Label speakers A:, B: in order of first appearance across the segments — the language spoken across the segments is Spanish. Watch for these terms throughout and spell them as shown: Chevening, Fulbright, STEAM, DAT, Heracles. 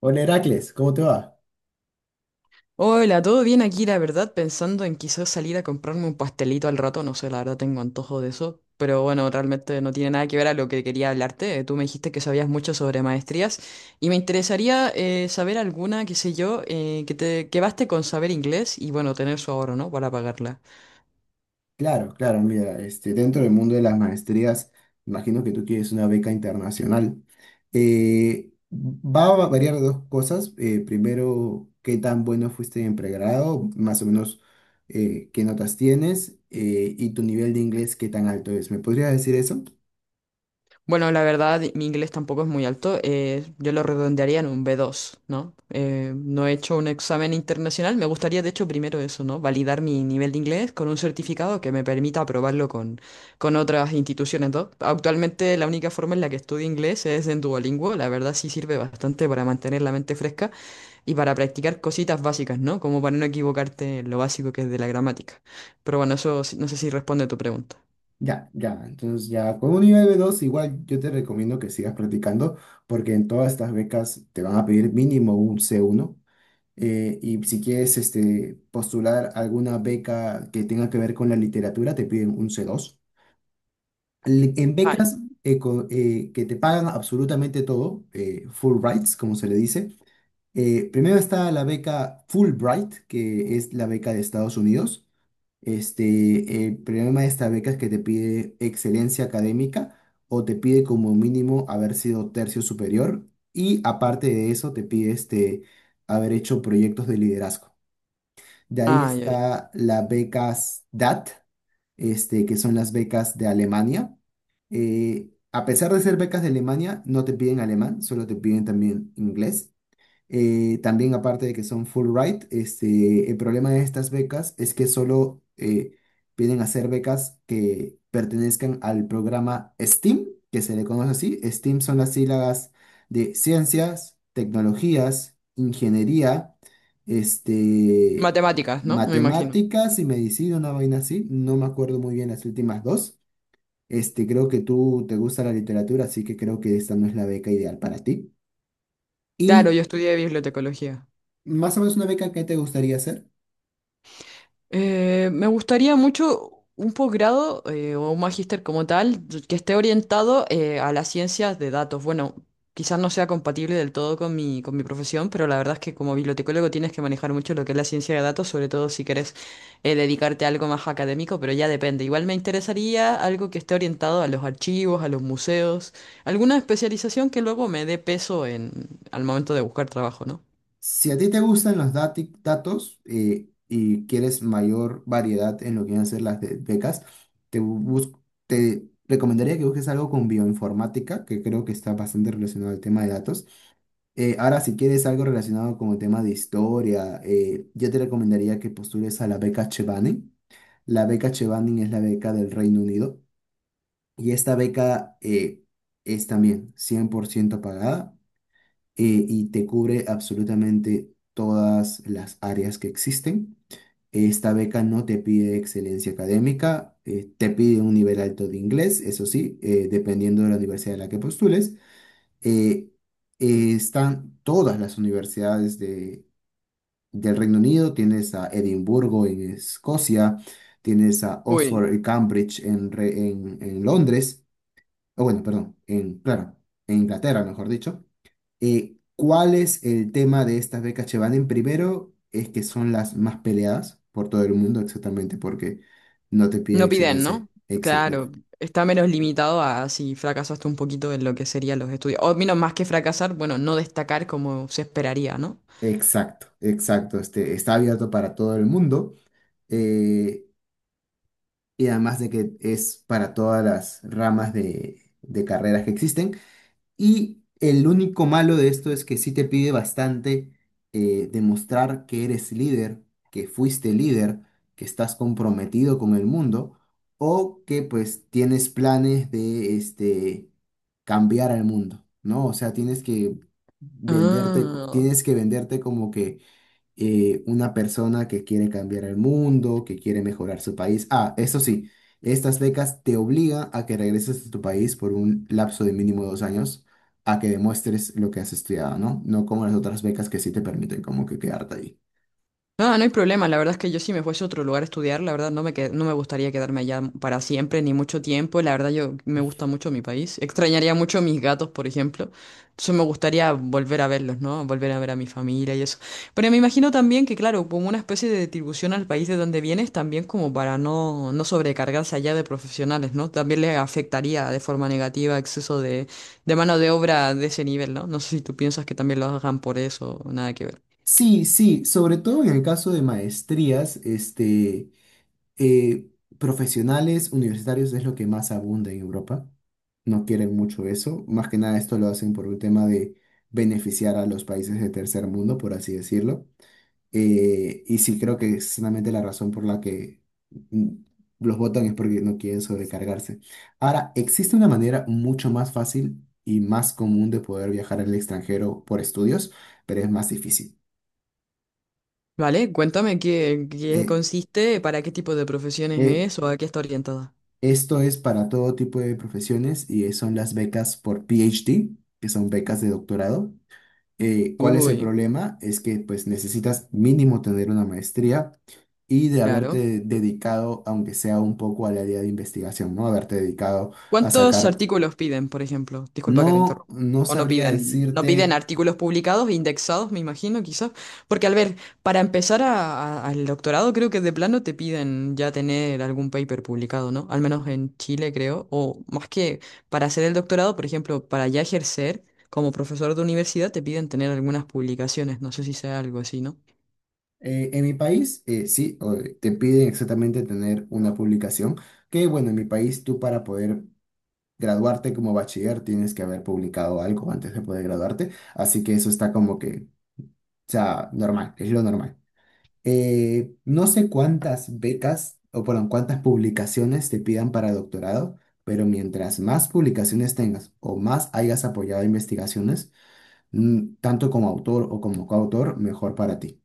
A: Hola Heracles, ¿cómo te va?
B: Hola, todo bien aquí, la verdad, pensando en quizás salir a comprarme un pastelito al rato, no sé, la verdad tengo antojo de eso, pero bueno, realmente no tiene nada que ver a lo que quería hablarte. Tú me dijiste que sabías mucho sobre maestrías y me interesaría saber alguna, qué sé yo, que baste con saber inglés y bueno, tener su ahorro, ¿no? Para pagarla.
A: Claro, claro, mira, dentro del mundo de las maestrías, imagino que tú quieres una beca internacional. Va a variar de dos cosas. Primero, qué tan bueno fuiste en pregrado, más o menos qué notas tienes y tu nivel de inglés, qué tan alto es. ¿Me podrías decir eso?
B: Bueno, la verdad, mi inglés tampoco es muy alto. Yo lo redondearía en un B2, ¿no? No he hecho un examen internacional. Me gustaría, de hecho, primero eso, ¿no? Validar mi nivel de inglés con un certificado que me permita aprobarlo con otras instituciones, ¿no? Actualmente, la única forma en la que estudio inglés es en Duolingo. La verdad, sí sirve bastante para mantener la mente fresca y para practicar cositas básicas, ¿no? Como para no equivocarte en lo básico que es de la gramática. Pero bueno, no sé si responde a tu pregunta.
A: Ya, ya, entonces ya con un nivel B2, igual yo te recomiendo que sigas practicando porque en todas estas becas te van a pedir mínimo un C1. Y si quieres postular alguna beca que tenga que ver con la literatura, te piden un C2. En
B: Ay,
A: becas que te pagan absolutamente todo, Fulbrights, como se le dice. Primero está la beca Fulbright, que es la beca de Estados Unidos. El problema de esta beca es que te pide excelencia académica o te pide como mínimo haber sido tercio superior y aparte de eso te pide haber hecho proyectos de liderazgo. De ahí
B: ay, ay.
A: está las becas DAT, que son las becas de Alemania. A pesar de ser becas de Alemania, no te piden alemán, solo te piden también inglés. También aparte de que son Fulbright, el problema de estas becas es que solo vienen a ser becas que pertenezcan al programa STEAM, que se le conoce así. STEAM son las sílabas de ciencias, tecnologías, ingeniería, este,
B: Matemáticas, ¿no? Me imagino.
A: matemáticas y medicina, una vaina así. No me acuerdo muy bien las últimas dos. Creo que tú te gusta la literatura, así que creo que esta no es la beca ideal para ti.
B: Claro,
A: Y
B: yo estudié bibliotecología.
A: más o menos una beca que te gustaría hacer.
B: Me gustaría mucho un posgrado o un magíster como tal que esté orientado a las ciencias de datos. Bueno, quizás no sea compatible del todo con mi profesión, pero la verdad es que como bibliotecólogo tienes que manejar mucho lo que es la ciencia de datos, sobre todo si quieres dedicarte a algo más académico, pero ya depende. Igual me interesaría algo que esté orientado a los archivos, a los museos, alguna especialización que luego me dé peso en, al momento de buscar trabajo, ¿no?
A: Si a ti te gustan los datos y quieres mayor variedad en lo que van a ser las becas, te, bus- te recomendaría que busques algo con bioinformática, que creo que está bastante relacionado al tema de datos. Ahora, si quieres algo relacionado con el tema de historia, yo te recomendaría que postules a la beca Chevening. La beca Chevening es la beca del Reino Unido y esta beca es también 100% pagada y te cubre absolutamente todas las áreas que existen. Esta beca no te pide excelencia académica, te pide un nivel alto de inglés, eso sí, dependiendo de la universidad a la que postules. Eh, Están todas las universidades del Reino Unido, tienes a Edimburgo en Escocia, tienes a
B: Uy.
A: Oxford y Cambridge en Londres, o bueno, perdón, en, claro, en Inglaterra, mejor dicho. ¿Cuál es el tema de estas becas Chevanen? Primero, es que son las más peleadas por todo el mundo, exactamente, porque no te piden
B: No piden,
A: excelencia.
B: ¿no?
A: Exacto,
B: Claro, está menos limitado a si fracasaste un poquito en lo que serían los estudios. O menos más que fracasar, bueno, no destacar como se esperaría, ¿no?
A: exacto, exacto. Está abierto para todo el mundo. eh, y además de que es para todas las ramas de carreras que existen. Y el único malo de esto es que sí te pide bastante demostrar que eres líder, que fuiste líder, que estás comprometido con el mundo o que pues tienes planes de cambiar al mundo, ¿no? O sea, tienes que venderte,
B: Ah.
A: tienes que venderte como que una persona que quiere cambiar el mundo, que quiere mejorar su país. Ah, eso sí, estas becas te obligan a que regreses a tu país por un lapso de mínimo 2 años, a que demuestres lo que has estudiado, ¿no? No como las otras becas que sí te permiten como que quedarte ahí.
B: No, no hay problema. La verdad es que yo si me fuese a otro lugar a estudiar, la verdad no me gustaría quedarme allá para siempre ni mucho tiempo. La verdad yo me gusta mucho mi país. Extrañaría mucho a mis gatos, por ejemplo. Entonces me gustaría volver a verlos, ¿no? Volver a ver a mi familia y eso. Pero me imagino también que, claro, como una especie de distribución al país de donde vienes, también como para no sobrecargarse allá de profesionales, ¿no? También le afectaría de forma negativa exceso de mano de obra de ese nivel, ¿no? No sé si tú piensas que también lo hagan por eso, nada que ver.
A: Sí, sí, sobre todo en el caso de maestrías, eh, profesionales universitarios es lo que más abunda en Europa. No quieren mucho eso. Más que nada esto lo hacen por un tema de beneficiar a los países de tercer mundo, por así decirlo. Y sí creo que es solamente la razón por la que mm, los votan es porque no quieren sobrecargarse. Ahora, existe una manera mucho más fácil y más común de poder viajar al extranjero por estudios, pero es más difícil.
B: Vale, cuéntame qué
A: Eh,
B: consiste, para qué tipo de profesiones
A: eh,
B: es o a qué está orientada.
A: Esto es para todo tipo de profesiones y son las becas por PhD, que son becas de doctorado. ¿Cuál es el
B: Uy,
A: problema? Es que pues necesitas mínimo tener una maestría y de
B: claro.
A: haberte dedicado, aunque sea un poco al área de investigación, ¿no? Haberte dedicado a
B: ¿Cuántos
A: sacar,
B: artículos piden, por ejemplo? Disculpa que te
A: no,
B: interrumpa.
A: no
B: O no
A: sabría
B: piden, no piden
A: decirte,
B: artículos publicados, indexados, me imagino, quizás. Porque, al ver, para empezar al doctorado, creo que de plano te piden ya tener algún paper publicado, ¿no? Al menos en Chile, creo. O más que para hacer el doctorado, por ejemplo, para ya ejercer como profesor de universidad, te piden tener algunas publicaciones. No sé si sea algo así, ¿no?
A: en mi país, sí, te piden exactamente tener una publicación, que bueno, en mi país tú para poder graduarte como bachiller tienes que haber publicado algo antes de poder graduarte, así que eso está como que, o sea, normal, es lo normal. No sé cuántas becas o, perdón, cuántas publicaciones te pidan para doctorado, pero mientras más publicaciones tengas o más hayas apoyado investigaciones, tanto como autor o como coautor, mejor para ti.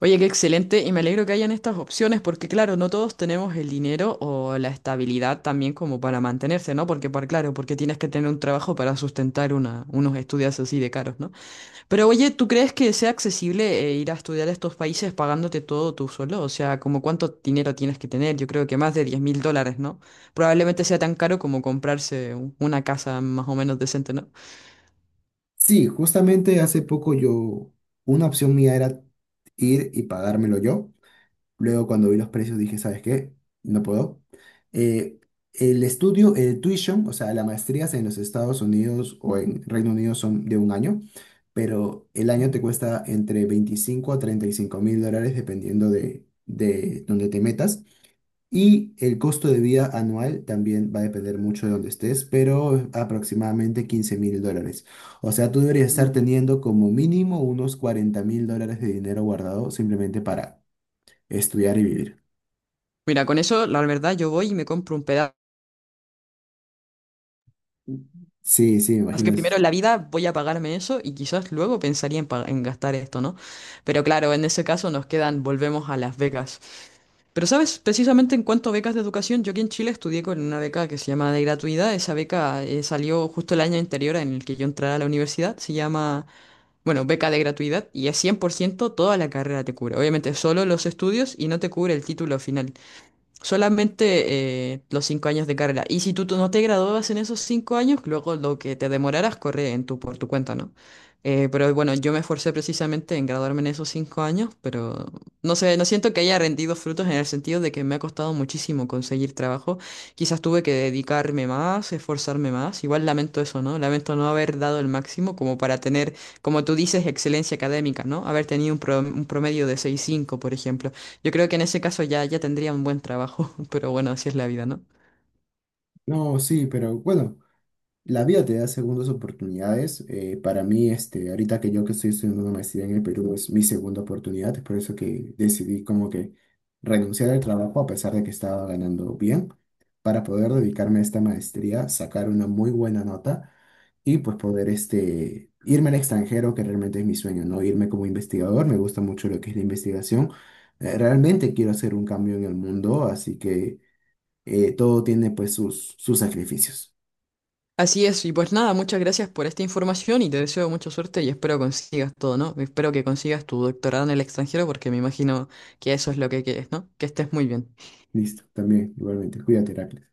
B: Oye, qué excelente y me alegro que hayan estas opciones porque claro, no todos tenemos el dinero o la estabilidad también como para mantenerse, ¿no? Porque para, claro, porque tienes que tener un trabajo para sustentar una, unos estudios así de caros, ¿no? Pero oye, ¿tú crees que sea accesible ir a estudiar a estos países pagándote todo tú solo? O sea, ¿como cuánto dinero tienes que tener? Yo creo que más de $10.000, ¿no? Probablemente sea tan caro como comprarse una casa más o menos decente, ¿no?
A: Sí, justamente hace poco yo, una opción mía era ir y pagármelo yo. Luego, cuando vi los precios, dije, ¿sabes qué? No puedo. Eh, el estudio, el tuition, o sea, las maestrías en los Estados Unidos o en Reino Unido son de un año, pero el año te cuesta entre $25,000 a $35,000 dependiendo de dónde te metas. Y el costo de vida anual también va a depender mucho de dónde estés, pero aproximadamente $15,000. O sea, tú deberías estar
B: Mm.
A: teniendo como mínimo unos $40,000 de dinero guardado simplemente para estudiar y vivir.
B: Mira, con eso, la verdad, yo voy y me compro un pedazo.
A: Sí, sí, me
B: Así
A: imagino.
B: que primero en la vida voy a pagarme eso y quizás luego pensaría en, en gastar esto, ¿no? Pero claro, en ese caso nos quedan, volvemos a las becas. Pero sabes, precisamente en cuanto a becas de educación, yo aquí en Chile estudié con una beca que se llama de gratuidad. Esa beca salió justo el año anterior en el que yo entré a la universidad. Se llama, bueno, beca de gratuidad y es 100% toda la carrera te cubre. Obviamente solo los estudios y no te cubre el título final. Solamente los 5 años de carrera. Y si tú no te graduabas en esos 5 años, luego lo que te demoraras corre en tu, por tu cuenta, ¿no? Pero bueno, yo me esforcé precisamente en graduarme en esos 5 años, pero no sé, no siento que haya rendido frutos en el sentido de que me ha costado muchísimo conseguir trabajo. Quizás tuve que dedicarme más, esforzarme más. Igual lamento eso, ¿no? Lamento no haber dado el máximo como para tener, como tú dices, excelencia académica, ¿no? Haber tenido un promedio de 6,5 por ejemplo. Yo creo que en ese caso ya tendría un buen trabajo, pero bueno, así es la vida, ¿no?
A: No, sí, pero bueno, la vida te da segundas oportunidades. Para mí, ahorita que yo que estoy estudiando una maestría en el Perú, es mi segunda oportunidad. Es por eso que decidí como que renunciar al trabajo a pesar de que estaba ganando bien, para poder dedicarme a esta maestría, sacar una muy buena nota y pues poder irme al extranjero, que realmente es mi sueño, ¿no? Irme como investigador, me gusta mucho lo que es la investigación. Realmente quiero hacer un cambio en el mundo, así que... Todo tiene pues sus sacrificios.
B: Así es, y pues nada, muchas gracias por esta información y te deseo mucha suerte y espero consigas todo, ¿no? Espero que consigas tu doctorado en el extranjero porque me imagino que eso es lo que quieres, ¿no? Que estés muy bien.
A: Listo, también, igualmente. Cuídate, Heracles.